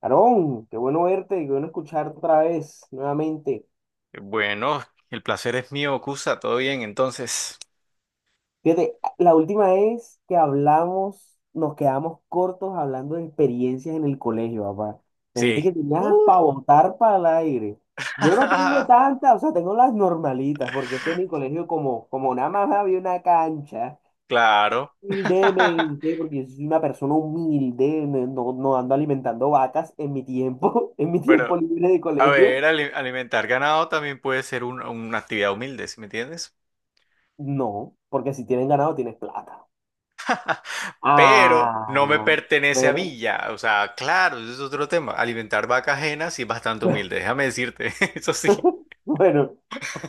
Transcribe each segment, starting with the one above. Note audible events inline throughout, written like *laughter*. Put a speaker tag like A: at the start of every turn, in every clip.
A: Aarón, qué bueno verte, qué bueno escucharte otra vez, nuevamente.
B: Bueno, el placer es mío, Cusa. ¿Todo bien entonces?
A: Fíjate, la última vez que hablamos, nos quedamos cortos hablando de experiencias en el colegio, papá. Me dijiste
B: Sí.
A: que tenías
B: Uf.
A: para botar para el aire. Yo no tengo
B: *laughs*
A: tantas, o sea, tengo las normalitas, porque es que en mi colegio, como nada más había una cancha,
B: Claro. *laughs*
A: humildemente, porque yo soy una persona humilde, no, no ando alimentando vacas en mi tiempo, *laughs* en mi tiempo
B: Pero,
A: libre de
B: a ver,
A: colegio.
B: alimentar ganado también puede ser una actividad humilde, ¿sí me entiendes?
A: No, porque si tienen ganado, tienes plata.
B: Pero no me
A: Ah,
B: pertenece a mí
A: pero,
B: ya. O sea, claro, ese es otro tema. Alimentar vacas ajenas sí es bastante humilde,
A: *laughs*
B: déjame decirte. *laughs* Eso sí.
A: bueno,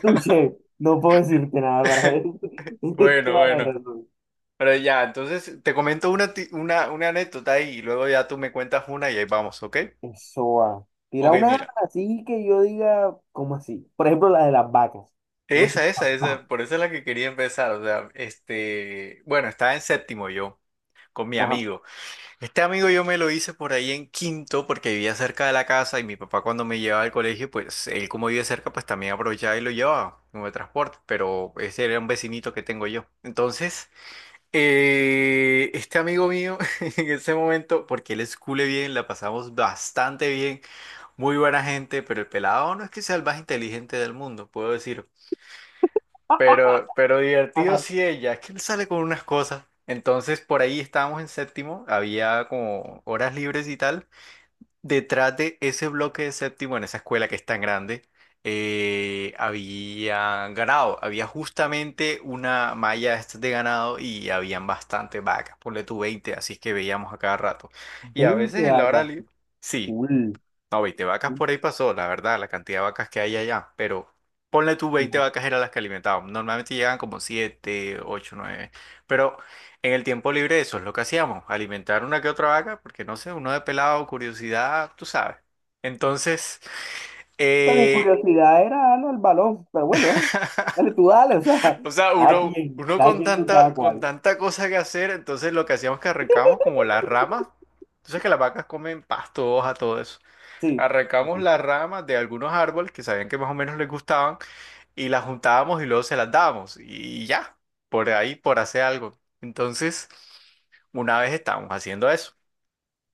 A: touché, no puedo decirte nada para
B: *laughs*
A: eso. *laughs* Tienes
B: Bueno,
A: toda la
B: bueno.
A: razón.
B: Pero ya, entonces te comento una anécdota y luego ya tú me cuentas una y ahí vamos, ¿ok?
A: Eso va. Tira
B: Ok,
A: una
B: mira.
A: así que yo diga, ¿cómo así? Por ejemplo, la de las vacas. ¿Cómo así?
B: Esa,
A: *laughs*
B: por eso es la que quería empezar. O sea, bueno, estaba en séptimo yo, con mi
A: Ajá.
B: amigo. Este amigo yo me lo hice por ahí en quinto, porque vivía cerca de la casa y mi papá cuando me llevaba al colegio, pues él como vive cerca, pues también aprovechaba y lo llevaba como de transporte, pero ese era un vecinito que tengo yo. Entonces, este amigo mío, *laughs* en ese momento, porque él es cule bien, la pasamos bastante bien, muy buena gente, pero el pelado no es que sea el más inteligente del mundo, puedo decir.
A: Ajá.
B: Pero divertido
A: Ajá.
B: sí ella, es que él sale con unas cosas. Entonces por ahí estábamos en séptimo, había como horas libres y tal. Detrás de ese bloque de séptimo, en esa escuela que es tan grande, había ganado, había justamente una malla estas de ganado y habían bastantes vacas, ponle tú 20 así que veíamos a cada rato. Y a veces
A: 20
B: en la hora
A: vacas.
B: libre, sí,
A: Cool.
B: no, 20 vacas por ahí pasó, la verdad, la cantidad de vacas que hay allá. Pero ponle tú 20 vacas eran las que alimentaban. Normalmente llegan como 7 8 nueve. Pero en el tiempo libre eso es lo que hacíamos, alimentar una que otra vaca, porque no sé, uno de pelado, curiosidad, tú sabes. Entonces,
A: Pero mi
B: eh,
A: curiosidad era darle al balón. Pero bueno, dale,
B: *laughs*
A: dale, tú dale. O sea,
B: o sea, uno, uno
A: cada
B: con
A: quien con
B: tanta,
A: cada
B: con
A: cual.
B: tanta cosa que hacer, entonces lo que hacíamos es que arrancábamos como las ramas. Entonces que las vacas comen pasto, hoja, todo eso.
A: Sí.
B: Arrancamos las ramas de algunos árboles que sabían que más o menos les gustaban y las juntábamos y luego se las dábamos y ya, por ahí, por hacer algo. Entonces, una vez estábamos haciendo eso,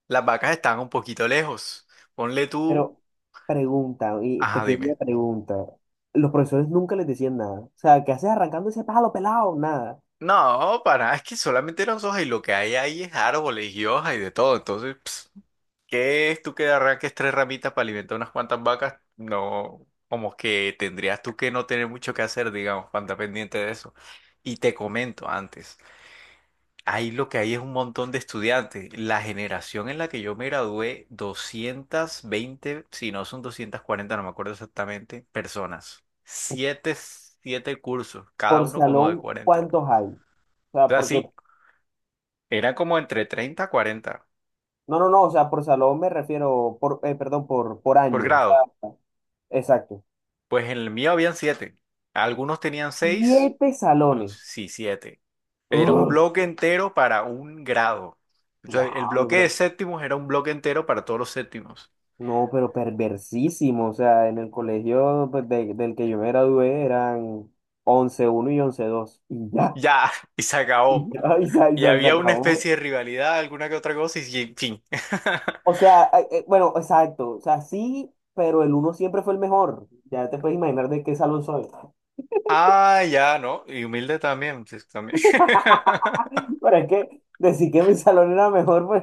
B: las vacas estaban un poquito lejos. Ponle tú,
A: Pero pregunta, y
B: ajá,
A: pequeña
B: dime.
A: pregunta. Los profesores nunca les decían nada. O sea, ¿qué haces arrancando ese pájaro pelado? Nada.
B: No, para, nada, es que solamente eran hojas y lo que hay ahí es árboles y hojas y de todo. Entonces, pss, ¿qué es tú que arranques tres ramitas para alimentar unas cuantas vacas? No, como que tendrías tú que no tener mucho que hacer, digamos, para andar pendiente de eso. Y te comento antes, ahí lo que hay es un montón de estudiantes. La generación en la que yo me gradué, 220, si no son 240, no me acuerdo exactamente, personas. Siete cursos, cada
A: Por
B: uno como de
A: salón,
B: 40.
A: ¿cuántos hay? O
B: O
A: sea,
B: sea,
A: porque,
B: sí, era como entre 30 a 40
A: no, no, no, o sea, por salón me refiero, por, perdón, por
B: por
A: año. O sea,
B: grado.
A: exacto.
B: Pues en el mío habían siete. Algunos tenían seis,
A: Siete
B: o
A: salones.
B: sí, siete. Era un
A: ¡Ugh!
B: bloque entero para un grado. O sea, el
A: Diablo,
B: bloque de
A: pero,
B: séptimos era un bloque entero para todos los séptimos.
A: no, pero perversísimo. O sea, en el colegio pues, del que yo me gradué eran once uno y once dos. Y ya,
B: Ya, *laughs* y se
A: *laughs*
B: acabó.
A: y ya, y se, y
B: Y
A: se se
B: había una especie
A: acabó.
B: de rivalidad, alguna que otra cosa, y en fin. *laughs*
A: O sea, bueno, exacto. O sea, sí, pero el uno siempre fue el mejor. Ya te puedes imaginar de qué salón soy. *laughs*
B: Ah, ya, ¿no? Y humilde también, pues, también. *laughs*
A: Pero es que decir que mi salón era mejor, pues.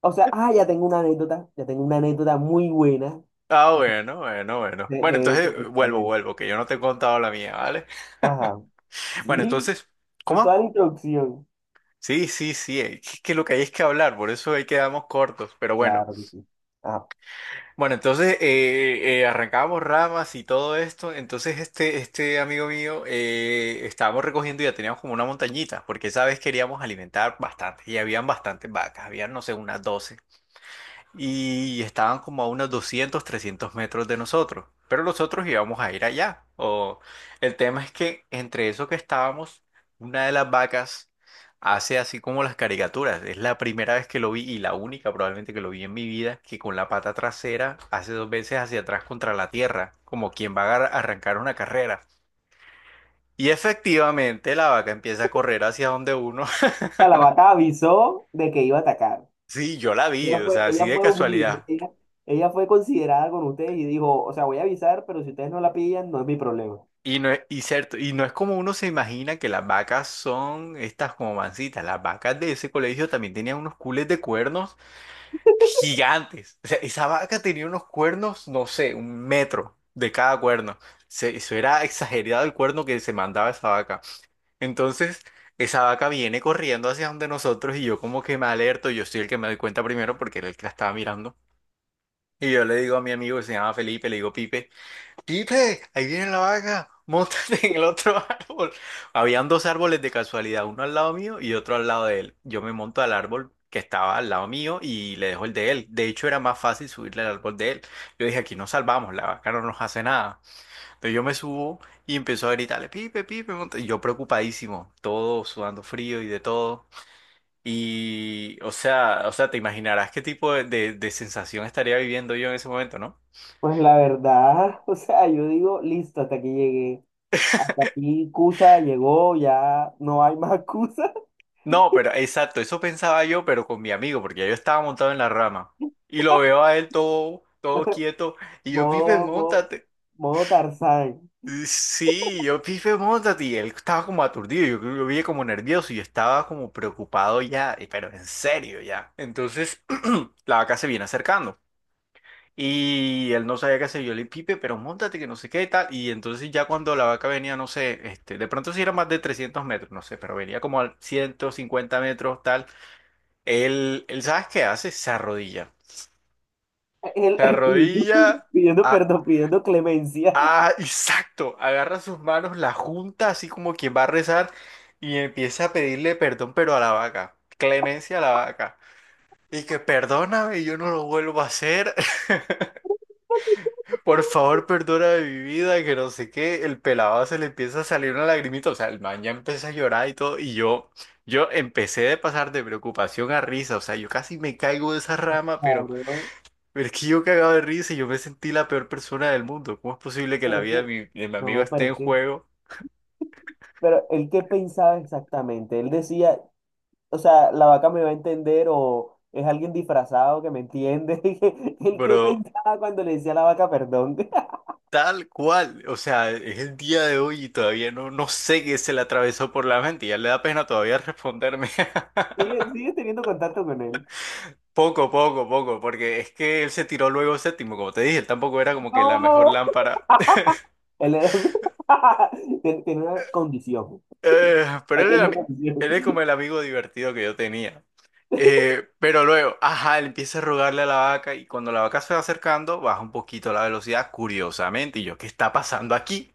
A: O sea, ah, ya tengo una anécdota. Ya tengo una anécdota muy buena
B: Ah, bueno, bueno, bueno. Bueno,
A: de
B: entonces
A: eso,
B: vuelvo,
A: precisamente.
B: vuelvo, que yo no te he contado la mía, ¿vale? *laughs*
A: Ajá.
B: Bueno,
A: Sí,
B: entonces,
A: es toda la
B: ¿cómo?
A: introducción.
B: Sí, sí, sí, que lo que hay es que hablar, por eso ahí quedamos cortos, pero bueno.
A: Claro que sí. Ajá.
B: Bueno, entonces arrancábamos ramas y todo esto, entonces este amigo mío estábamos recogiendo y ya teníamos como una montañita, porque esa vez queríamos alimentar bastante y habían bastantes vacas, habían no sé, unas 12 y estaban como a unos 200 300 metros de nosotros, pero nosotros íbamos a ir allá. O el tema es que entre eso que estábamos, una de las vacas hace así como las caricaturas. Es la primera vez que lo vi y la única probablemente que lo vi en mi vida que con la pata trasera hace dos veces hacia atrás contra la tierra, como quien va a arrancar una carrera. Y efectivamente la vaca empieza a correr hacia donde uno. *laughs*
A: La lavata avisó de que iba a atacar.
B: Sí, yo la vi, o sea, así
A: Ella
B: de
A: fue humilde.
B: casualidad.
A: Ella fue considerada con ustedes y dijo, o sea, voy a avisar, pero si ustedes no la pillan, no es mi problema.
B: Y no es, y cierto, y no es como uno se imagina que las vacas son estas como mancitas. Las vacas de ese colegio también tenían unos cules de cuernos gigantes. O sea, esa vaca tenía unos cuernos, no sé, un metro de cada cuerno. Se- eso era exagerado el cuerno que se mandaba esa vaca. Entonces, esa vaca viene corriendo hacia donde nosotros y yo como que me alerto. Yo soy el que me doy cuenta primero porque era el que la estaba mirando. Y yo le digo a mi amigo que se llama Felipe, le digo, Pipe. Pipe, ahí viene la vaca, *laughs* montate en el otro árbol. Habían dos árboles de casualidad, uno al lado mío y otro al lado de él. Yo me monto al árbol que estaba al lado mío y le dejo el de él. De hecho, era más fácil subirle al árbol de él. Yo dije, aquí nos salvamos, la vaca no nos hace nada. Entonces yo me subo y empezó a gritarle, Pipe, Pipe, monta-". Y yo preocupadísimo, todo sudando frío y de todo. Y, o sea, te imaginarás qué tipo de sensación estaría viviendo yo en ese momento, ¿no?
A: Pues la verdad, *laughs* o sea, yo digo, listo, hasta aquí llegué. Hasta aquí Cusa llegó, ya no hay más Cusa.
B: No, pero exacto, eso pensaba yo, pero con mi amigo, porque ya yo estaba montado en la rama. Y lo veo a él todo, todo quieto,
A: *laughs*
B: y yo, Pipe,
A: Modo, modo,
B: montate.
A: Modo Tarzán.
B: Sí, yo, Pipe, montate. Y él estaba como aturdido, yo lo vi como nervioso, y yo estaba como preocupado ya, pero en serio ya. Entonces, *clears throat* la vaca se viene acercando. Y él no sabía qué hacer, yo le dije, Pipe, pero montate, que no sé qué y tal. Y entonces ya cuando la vaca venía, no sé, de pronto sí era más de 300 metros, no sé, pero venía como a 150 metros, tal. Él, ¿sabes qué hace? Se arrodilla.
A: Él
B: Se
A: *laughs* pidiendo,
B: arrodilla
A: pidiendo
B: a,
A: perdón, pidiendo clemencia.
B: exacto, agarra sus manos, la junta así como quien va a rezar y empieza a pedirle perdón, pero a la vaca, clemencia a la vaca. Y que perdóname, yo no lo vuelvo a hacer. *laughs*
A: *laughs*
B: Por favor, perdona mi vida, que no sé qué. El pelado se le empieza a salir una lagrimita. O sea, el man ya empieza a llorar y todo. Y yo empecé de pasar de preocupación a risa. O sea, yo casi me caigo de esa rama, pero
A: Claro,
B: Pero es que yo cagado de risa y yo me sentí la peor persona del mundo. ¿Cómo es posible que la
A: pero es
B: vida de
A: que,
B: mi amigo
A: no, pero
B: esté
A: es
B: en
A: que,
B: juego?
A: pero él qué pensaba exactamente, él decía, o sea, la vaca me va a entender o es alguien disfrazado que me entiende, *laughs* él qué
B: Pero
A: pensaba cuando le decía a la vaca perdón. *laughs*
B: tal cual. O sea, es el día de hoy y todavía no sé qué se le atravesó por la mente. Ya le da pena todavía responderme. *laughs*
A: Sigue, sigue teniendo contacto con él.
B: Poco, poco, poco. Porque es que él se tiró luego séptimo, como te dije. Él tampoco era como que la mejor
A: No.
B: lámpara.
A: Él era- *laughs* Tiene una condición,
B: Pero él era,
A: pequeña condición.
B: él es como el amigo divertido que yo tenía. Pero luego, ajá, él empieza a rogarle a la vaca y cuando la vaca se va acercando, baja un poquito la velocidad, curiosamente. Y yo, ¿qué está pasando aquí?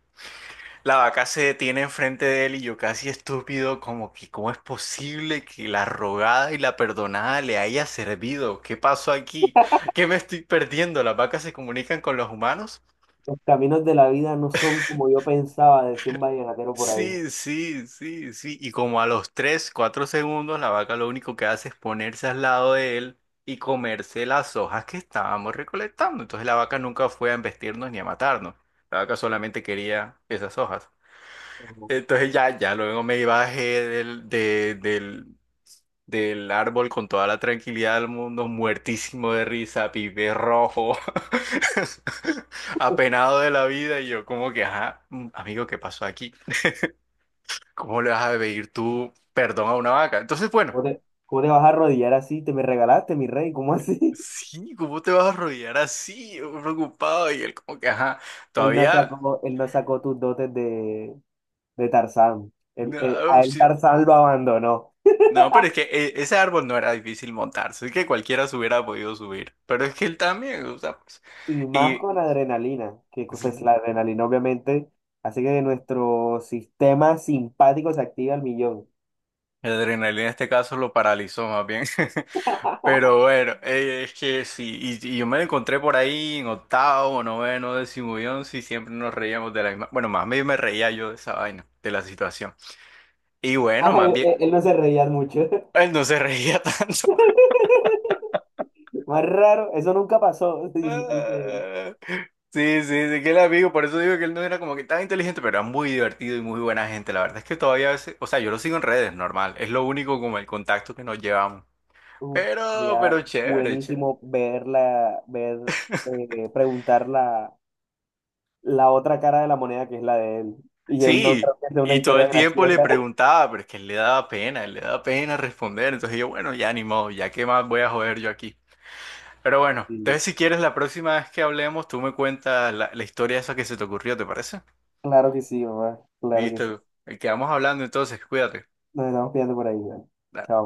B: La vaca se detiene enfrente de él y yo casi estúpido, como que, ¿cómo es posible que la rogada y la perdonada le haya servido? ¿Qué pasó aquí? ¿Qué me estoy perdiendo? ¿Las vacas se comunican con los humanos?
A: Los caminos de la vida no son como yo pensaba, decía un vallenatero por ahí.
B: Sí, sí, sí, sí. Y como a los 3, 4 segundos, la vaca lo único que hace es ponerse al lado de él y comerse las hojas que estábamos recolectando. Entonces la vaca nunca fue a embestirnos ni a matarnos. La vaca solamente quería esas hojas.
A: Ujú.
B: Entonces ya, ya luego me bajé del árbol con toda la tranquilidad del mundo, muertísimo de risa, pibe rojo, *laughs* apenado de la vida. Y yo como que, ajá, amigo, ¿qué pasó aquí? ¿Cómo le vas a pedir tú perdón a una vaca? Entonces, bueno,
A: Cómo te vas a arrodillar así? Te me regalaste, mi rey, ¿cómo así?
B: sí, ¿cómo te vas a arrodillar así, yo preocupado? Y él como que, ajá,
A: *laughs*
B: todavía...
A: Él no sacó tus dotes de Tarzán.
B: No,
A: A él
B: sí.
A: Tarzán lo abandonó.
B: No, pero es que ese árbol no era difícil montarse, es que cualquiera se hubiera podido subir, pero es que él también, o sea, pues,
A: Y más
B: y
A: con adrenalina, que pues,
B: ujú
A: la adrenalina obviamente hace que nuestro sistema simpático se active al millón.
B: la adrenalina en este caso lo paralizó más bien. *laughs* Pero
A: *laughs*
B: bueno, es que sí, y yo me la encontré por ahí en octavo, noveno, décimo y once y siempre nos reíamos de la misma, bueno, más bien me reía yo de esa vaina, de la situación. Y bueno, más
A: Ay,
B: bien,
A: él no se reía mucho.
B: *laughs* él no se reía *laughs* tanto.
A: *laughs* Más raro, eso nunca pasó, *laughs* dice, dice él.
B: Ah, sí, sí, sí, que el amigo, por eso digo que él no era como que tan inteligente, pero era muy divertido y muy buena gente. La verdad es que todavía a veces, o sea, yo lo sigo en redes, normal, es lo único como el contacto que nos llevamos.
A: Uf,
B: Pero,
A: sería
B: pero chévere, chévere.
A: buenísimo ver la, ver, preguntar la, la otra cara de la moneda que es la de él. Y él no
B: Sí,
A: creo que sea una
B: y todo
A: historia
B: el tiempo le
A: graciosa. *laughs*
B: preguntaba, pero es que él le daba pena, él le daba pena responder. Entonces yo, bueno, ya ni modo, ya qué más voy a joder yo aquí. Pero bueno,
A: Sí,
B: entonces si quieres la próxima vez que hablemos, tú me cuentas la historia esa que se te ocurrió, ¿te parece?
A: claro que sí, mamá, claro que sí.
B: Listo, quedamos hablando entonces, cuídate.
A: Nos estamos pillando por ahí, ¿vale?
B: Dale.
A: Chao.